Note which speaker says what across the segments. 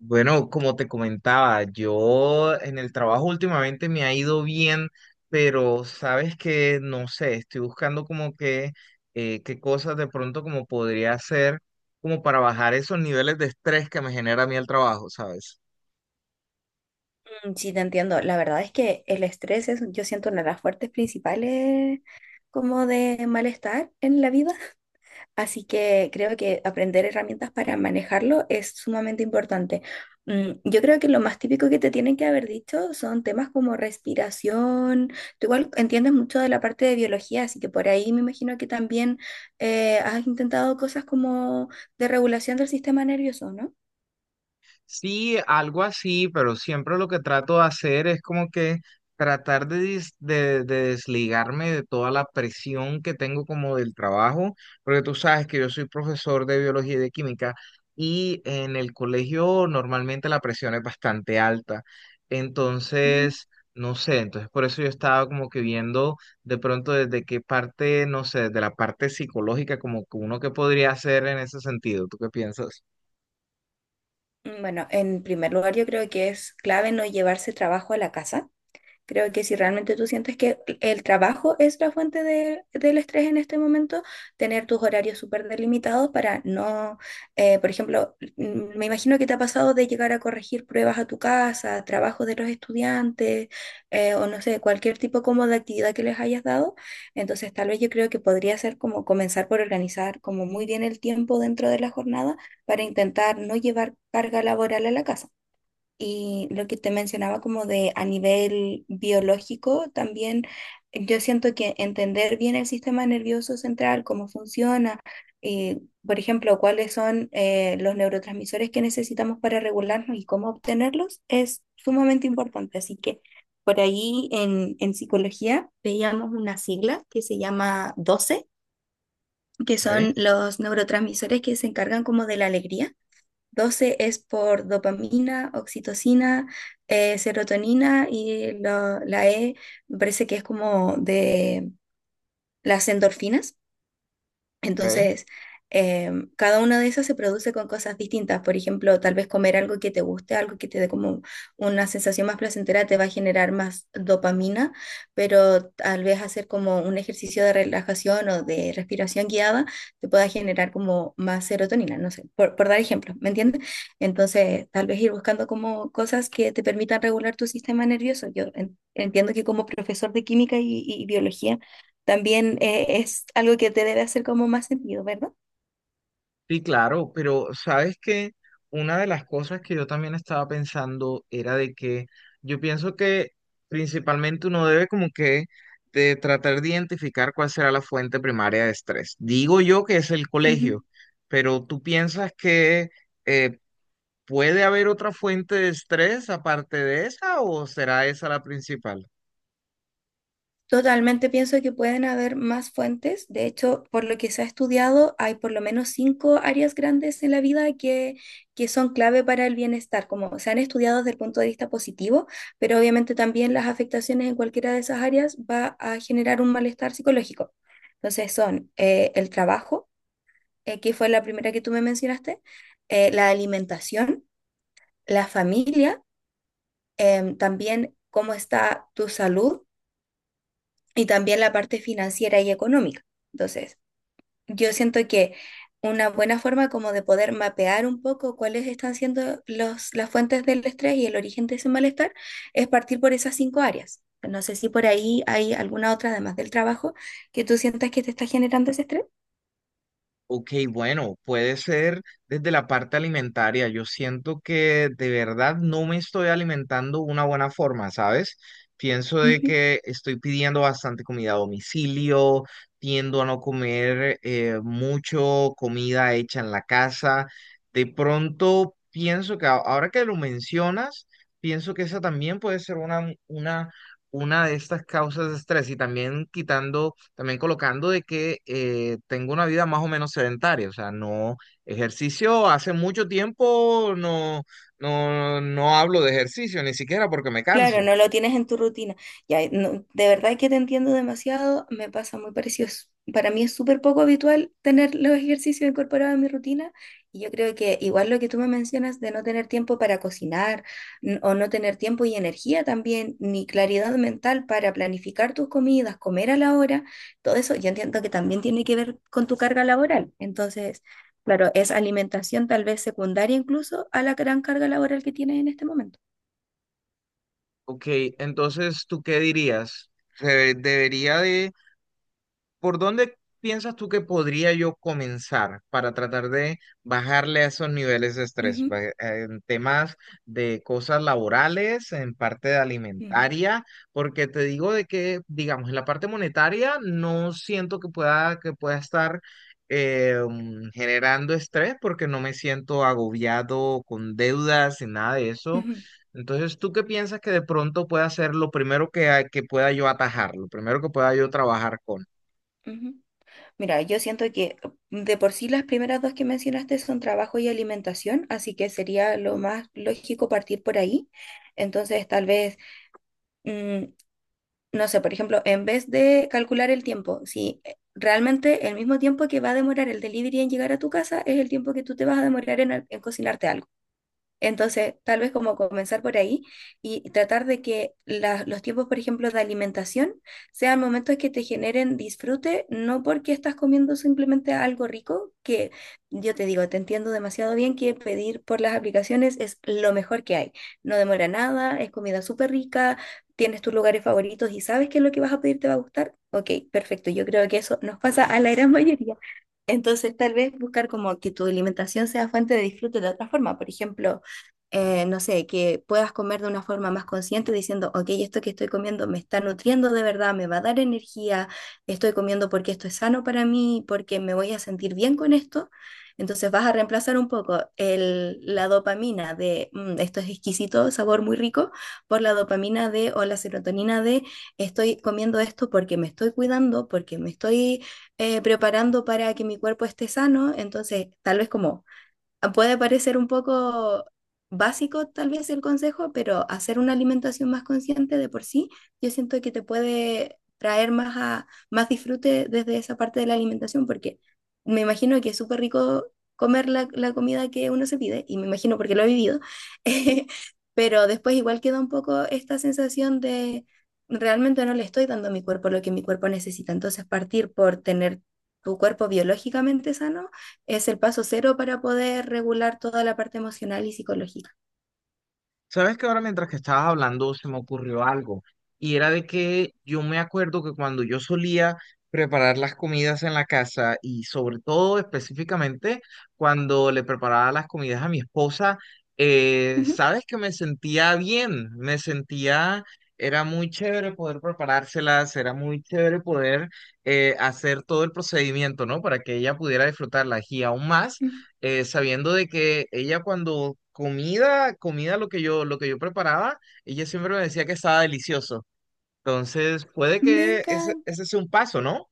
Speaker 1: Bueno, como te comentaba, yo en el trabajo últimamente me ha ido bien, pero sabes que no sé, estoy buscando como que qué cosas de pronto como podría hacer como para bajar esos niveles de estrés que me genera a mí el trabajo, ¿sabes?
Speaker 2: Mm, sí, te entiendo. La verdad es que el estrés es, yo siento, una de las fuertes principales como de malestar en la vida, así que creo que aprender herramientas para manejarlo es sumamente importante. Mm, yo creo que lo más típico que te tienen que haber dicho son temas como respiración. Tú igual entiendes mucho de la parte de biología, así que por ahí me imagino que también has intentado cosas como de regulación del sistema nervioso, ¿no?
Speaker 1: Sí, algo así, pero siempre lo que trato de hacer es como que tratar de desligarme de toda la presión que tengo como del trabajo, porque tú sabes que yo soy profesor de biología y de química y en el colegio normalmente la presión es bastante alta.
Speaker 2: Ujú.
Speaker 1: Entonces, no sé, entonces por eso yo estaba como que viendo de pronto desde qué parte, no sé, desde la parte psicológica, como que uno que podría hacer en ese sentido. ¿Tú qué piensas?
Speaker 2: Bueno, en primer lugar yo creo que es clave no llevarse trabajo a la casa. Creo que si realmente tú sientes que el trabajo es la fuente de- del estrés en este momento, tener tus horarios súper delimitados para no, por ejemplo, me imagino que te ha pasado de llegar a corregir pruebas a tu casa, trabajos de los estudiantes, o no sé, cualquier tipo como de actividad que les hayas dado. Entonces, tal vez yo creo que podría ser como comenzar por organizar como muy bien el tiempo dentro de la jornada para intentar no llevar carga laboral a la casa. Y lo que te mencionaba como de a nivel biológico, también yo siento que entender bien el sistema nervioso central, cómo funciona, eh, por ejemplo, cuáles son los neurotransmisores que necesitamos para regularnos y cómo obtenerlos, es sumamente importante. Así que por ahí en psicología veíamos una sigla que se llama DOCE, que
Speaker 1: Ok,
Speaker 2: son los neurotransmisores que se encargan como de la alegría. Doce es por dopamina, oxitocina, serotonina y la E me parece que es como de las endorfinas.
Speaker 1: ok.
Speaker 2: Entonces, cada una de esas se produce con cosas distintas. Por ejemplo, tal vez comer algo que te guste, algo que te dé como una sensación más placentera, te va a generar más dopamina, pero tal vez hacer como un ejercicio de relajación o de respiración guiada te pueda generar como más serotonina, no sé, por dar ejemplo, ¿me entiendes? Entonces, tal vez ir buscando como cosas que te permitan regular tu sistema nervioso. Yo en- entiendo que como profesor de química y biología, también es algo que te debe hacer como más sentido, ¿verdad?
Speaker 1: Sí, claro, pero sabes que una de las cosas que yo también estaba pensando era de que yo pienso que principalmente uno debe como que de tratar de identificar cuál será la fuente primaria de estrés. Digo yo que es el
Speaker 2: Ujú.
Speaker 1: colegio, pero ¿tú piensas que eh, puede haber otra fuente de estrés aparte de esa o será esa la principal?
Speaker 2: Totalmente pienso que pueden haber más fuentes. De hecho, por lo que se ha estudiado, hay por lo menos cinco áreas grandes en la vida que son clave para el bienestar, como se han estudiado desde el punto de vista positivo, pero obviamente también las afectaciones en cualquiera de esas áreas va a generar un malestar psicológico. Entonces son el trabajo, que fue la primera que tú me mencionaste, la alimentación, la familia, también cómo está tu salud y también la parte financiera y económica. Entonces, yo siento que una buena forma como de poder mapear un poco cuáles están siendo las fuentes del estrés y el origen de ese malestar es partir por esas cinco áreas. No sé si por ahí hay alguna otra, además del trabajo, que tú sientas que te está generando ese estrés.
Speaker 1: Ok, bueno, puede ser desde la parte alimentaria. Yo siento que de verdad no me estoy alimentando de una buena forma, ¿sabes? Pienso de que estoy pidiendo bastante comida a domicilio, tiendo a no comer mucho comida hecha en la casa. De pronto pienso que ahora que lo mencionas, pienso que esa también puede ser una de estas causas de estrés y también quitando también colocando de que tengo una vida más o menos sedentaria, o sea, no ejercicio, hace mucho tiempo no hablo de ejercicio, ni siquiera porque me
Speaker 2: Claro,
Speaker 1: canso.
Speaker 2: no lo tienes en tu rutina. Ya, no, de verdad que te entiendo demasiado, me pasa muy parecido. Es- Para mí es súper poco habitual tener los ejercicios incorporados en mi rutina y yo creo que igual lo que tú me mencionas de no tener tiempo para cocinar n- o no tener tiempo y energía también, ni claridad mental para planificar tus comidas, comer a la hora, todo eso yo entiendo que también tiene que ver con tu carga laboral. Entonces, claro, es alimentación tal vez secundaria incluso a la gran carga laboral que tienes en este momento.
Speaker 1: Ok, entonces, ¿tú qué dirías? ¿Se ¿Debería de ¿Por dónde piensas tú que podría yo comenzar para tratar de bajarle a esos niveles de estrés?
Speaker 2: Ujú,
Speaker 1: En temas de cosas laborales, en parte de
Speaker 2: ujú.
Speaker 1: alimentaria, porque te digo de que, digamos, en la parte monetaria no siento que que pueda estar generando estrés porque no me siento agobiado con deudas y nada de eso.
Speaker 2: Ujú,
Speaker 1: Entonces, ¿tú qué piensas que de pronto pueda ser lo primero que pueda yo atajar, lo primero que pueda yo trabajar con?
Speaker 2: ujú. Mira, yo siento que de por sí las primeras dos que mencionaste son trabajo y alimentación, así que sería lo más lógico partir por ahí. Entonces, tal vez, mm, no sé, por ejemplo, en vez de calcular el tiempo, si realmente el mismo tiempo que va a demorar el delivery en llegar a tu casa es el tiempo que tú te vas a demorar en, al- en cocinarte algo. Entonces, tal vez como comenzar por ahí y tratar de que la- los tiempos, por ejemplo, de alimentación sean momentos que te generen disfrute, no porque estás comiendo simplemente algo rico, que yo te digo, te entiendo demasiado bien que pedir por las aplicaciones es lo mejor que hay. No demora nada, es comida súper rica, tienes tus lugares favoritos y sabes que lo que vas a pedir te va a gustar. Ok, perfecto. Yo creo que eso nos pasa a la gran mayoría. Entonces, tal vez buscar como que tu alimentación sea fuente de disfrute de otra forma. Por ejemplo, no sé, que puedas comer de una forma más consciente diciendo, ok, esto que estoy comiendo me está nutriendo de verdad, me va a dar energía, estoy comiendo porque esto es sano para mí, porque me voy a sentir bien con esto. Entonces vas a reemplazar un poco la dopamina de "Mm, esto es exquisito, sabor muy rico", por la dopamina de o la serotonina de estoy comiendo esto porque me estoy cuidando, porque me estoy preparando para que mi cuerpo esté sano, entonces tal vez como puede parecer un poco básico tal vez el consejo, pero hacer una alimentación más consciente de por sí, yo siento que te puede traer más, a- más disfrute desde esa parte de la alimentación, porque me imagino que es súper rico comer la comida que uno se pide, y me imagino porque lo he vivido, pero después igual queda un poco esta sensación de realmente no le estoy dando a mi cuerpo lo que mi cuerpo necesita, entonces partir por tener tu cuerpo biológicamente sano es el paso cero para poder regular toda la parte emocional y psicológica.
Speaker 1: Sabes que ahora mientras que estabas hablando se me ocurrió algo y era de que yo me acuerdo que cuando yo solía preparar las comidas en la casa y sobre todo específicamente cuando le preparaba las comidas a mi esposa,
Speaker 2: Ujú,
Speaker 1: sabes que me sentía bien, me sentía, era muy chévere poder preparárselas, era muy chévere poder hacer todo el procedimiento, ¿no? Para que ella pudiera disfrutarlas y aún más
Speaker 2: ujú.
Speaker 1: sabiendo de que ella cuando comida lo que yo preparaba, ella siempre me decía que estaba delicioso. Entonces, puede que
Speaker 2: Venga,
Speaker 1: ese sea un paso, ¿no?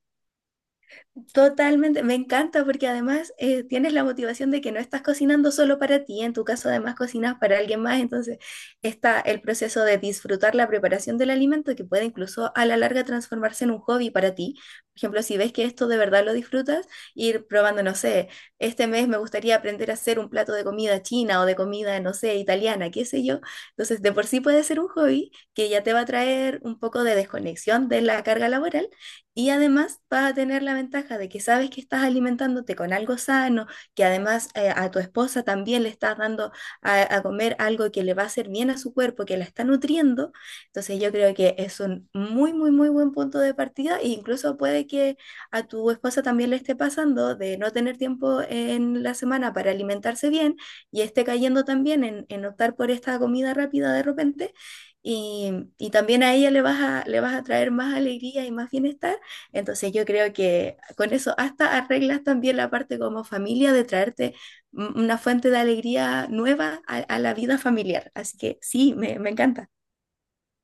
Speaker 2: totalmente, me encanta porque además tienes la motivación de que no estás cocinando solo para ti, en tu caso además cocinas para alguien más, entonces está el proceso de disfrutar la preparación del alimento que puede incluso a la larga transformarse en un hobby para ti. Por ejemplo, si ves que esto de verdad lo disfrutas, ir probando, no sé, este mes me gustaría aprender a hacer un plato de comida china o de comida, no sé, italiana, qué sé yo. Entonces, de por sí puede ser un hobby que ya te va a traer un poco de desconexión de la carga laboral y además vas a tener la ventaja de que sabes que estás alimentándote con algo sano, que además a tu esposa también le estás dando a comer algo que le va a hacer bien a su cuerpo, que la está nutriendo. Entonces yo creo que es un muy, muy, muy buen punto de partida e incluso puede que a tu esposa también le esté pasando de no tener tiempo en la semana para alimentarse bien y esté cayendo también en optar por esta comida rápida de repente. Y, y también a ella le vas a traer más alegría y más bienestar, entonces yo creo que con eso hasta arreglas también la parte como familia de traerte m- una fuente de alegría nueva a la vida familiar. Así que sí, me encanta.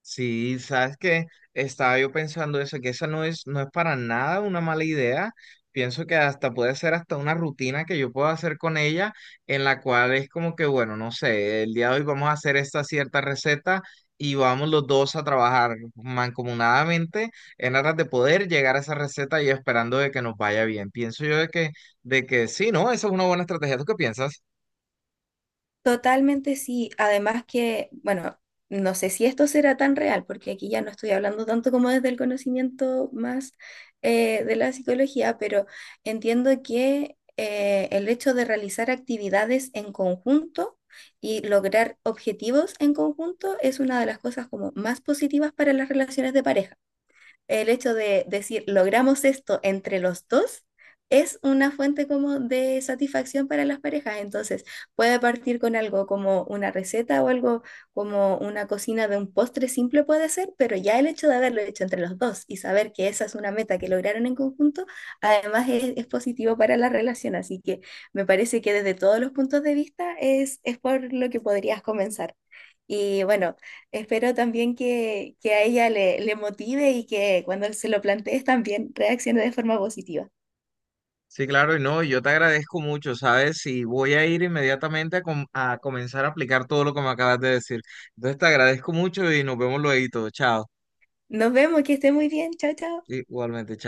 Speaker 1: Sí, sabes que estaba yo pensando eso, que esa no es para nada una mala idea. Pienso que hasta puede ser hasta una rutina que yo puedo hacer con ella, en la cual es como que, bueno, no sé, el día de hoy vamos a hacer esta cierta receta y vamos los dos a trabajar mancomunadamente en aras de poder llegar a esa receta y esperando de que nos vaya bien. Pienso yo de que sí, ¿no? Esa es una buena estrategia. ¿Tú qué piensas?
Speaker 2: Totalmente sí. Además que, bueno, no sé si esto será tan real, porque aquí ya no estoy hablando tanto como desde el conocimiento más de la psicología, pero entiendo que el hecho de realizar actividades en conjunto y lograr objetivos en conjunto es una de las cosas como más positivas para las relaciones de pareja, el hecho de decir, logramos esto entre los dos, es una fuente como de satisfacción para las parejas. Entonces, puede partir con algo como una receta o algo como una cocina de un postre simple puede ser, pero ya el hecho de haberlo hecho entre los dos y saber que esa es una meta que lograron en conjunto, además es positivo para la relación. Así que me parece que desde todos los puntos de vista es por lo que podrías comenzar. Y bueno, espero también que a ella le, le motive y que cuando se lo plantees también reaccione de forma positiva.
Speaker 1: Sí, claro, y no, yo te agradezco mucho, ¿sabes? Y voy a ir inmediatamente a comenzar a aplicar todo lo que me acabas de decir. Entonces te agradezco mucho y nos vemos luego. Chao.
Speaker 2: Nos vemos, que esté muy bien. Chao, chao.
Speaker 1: Igualmente, chao.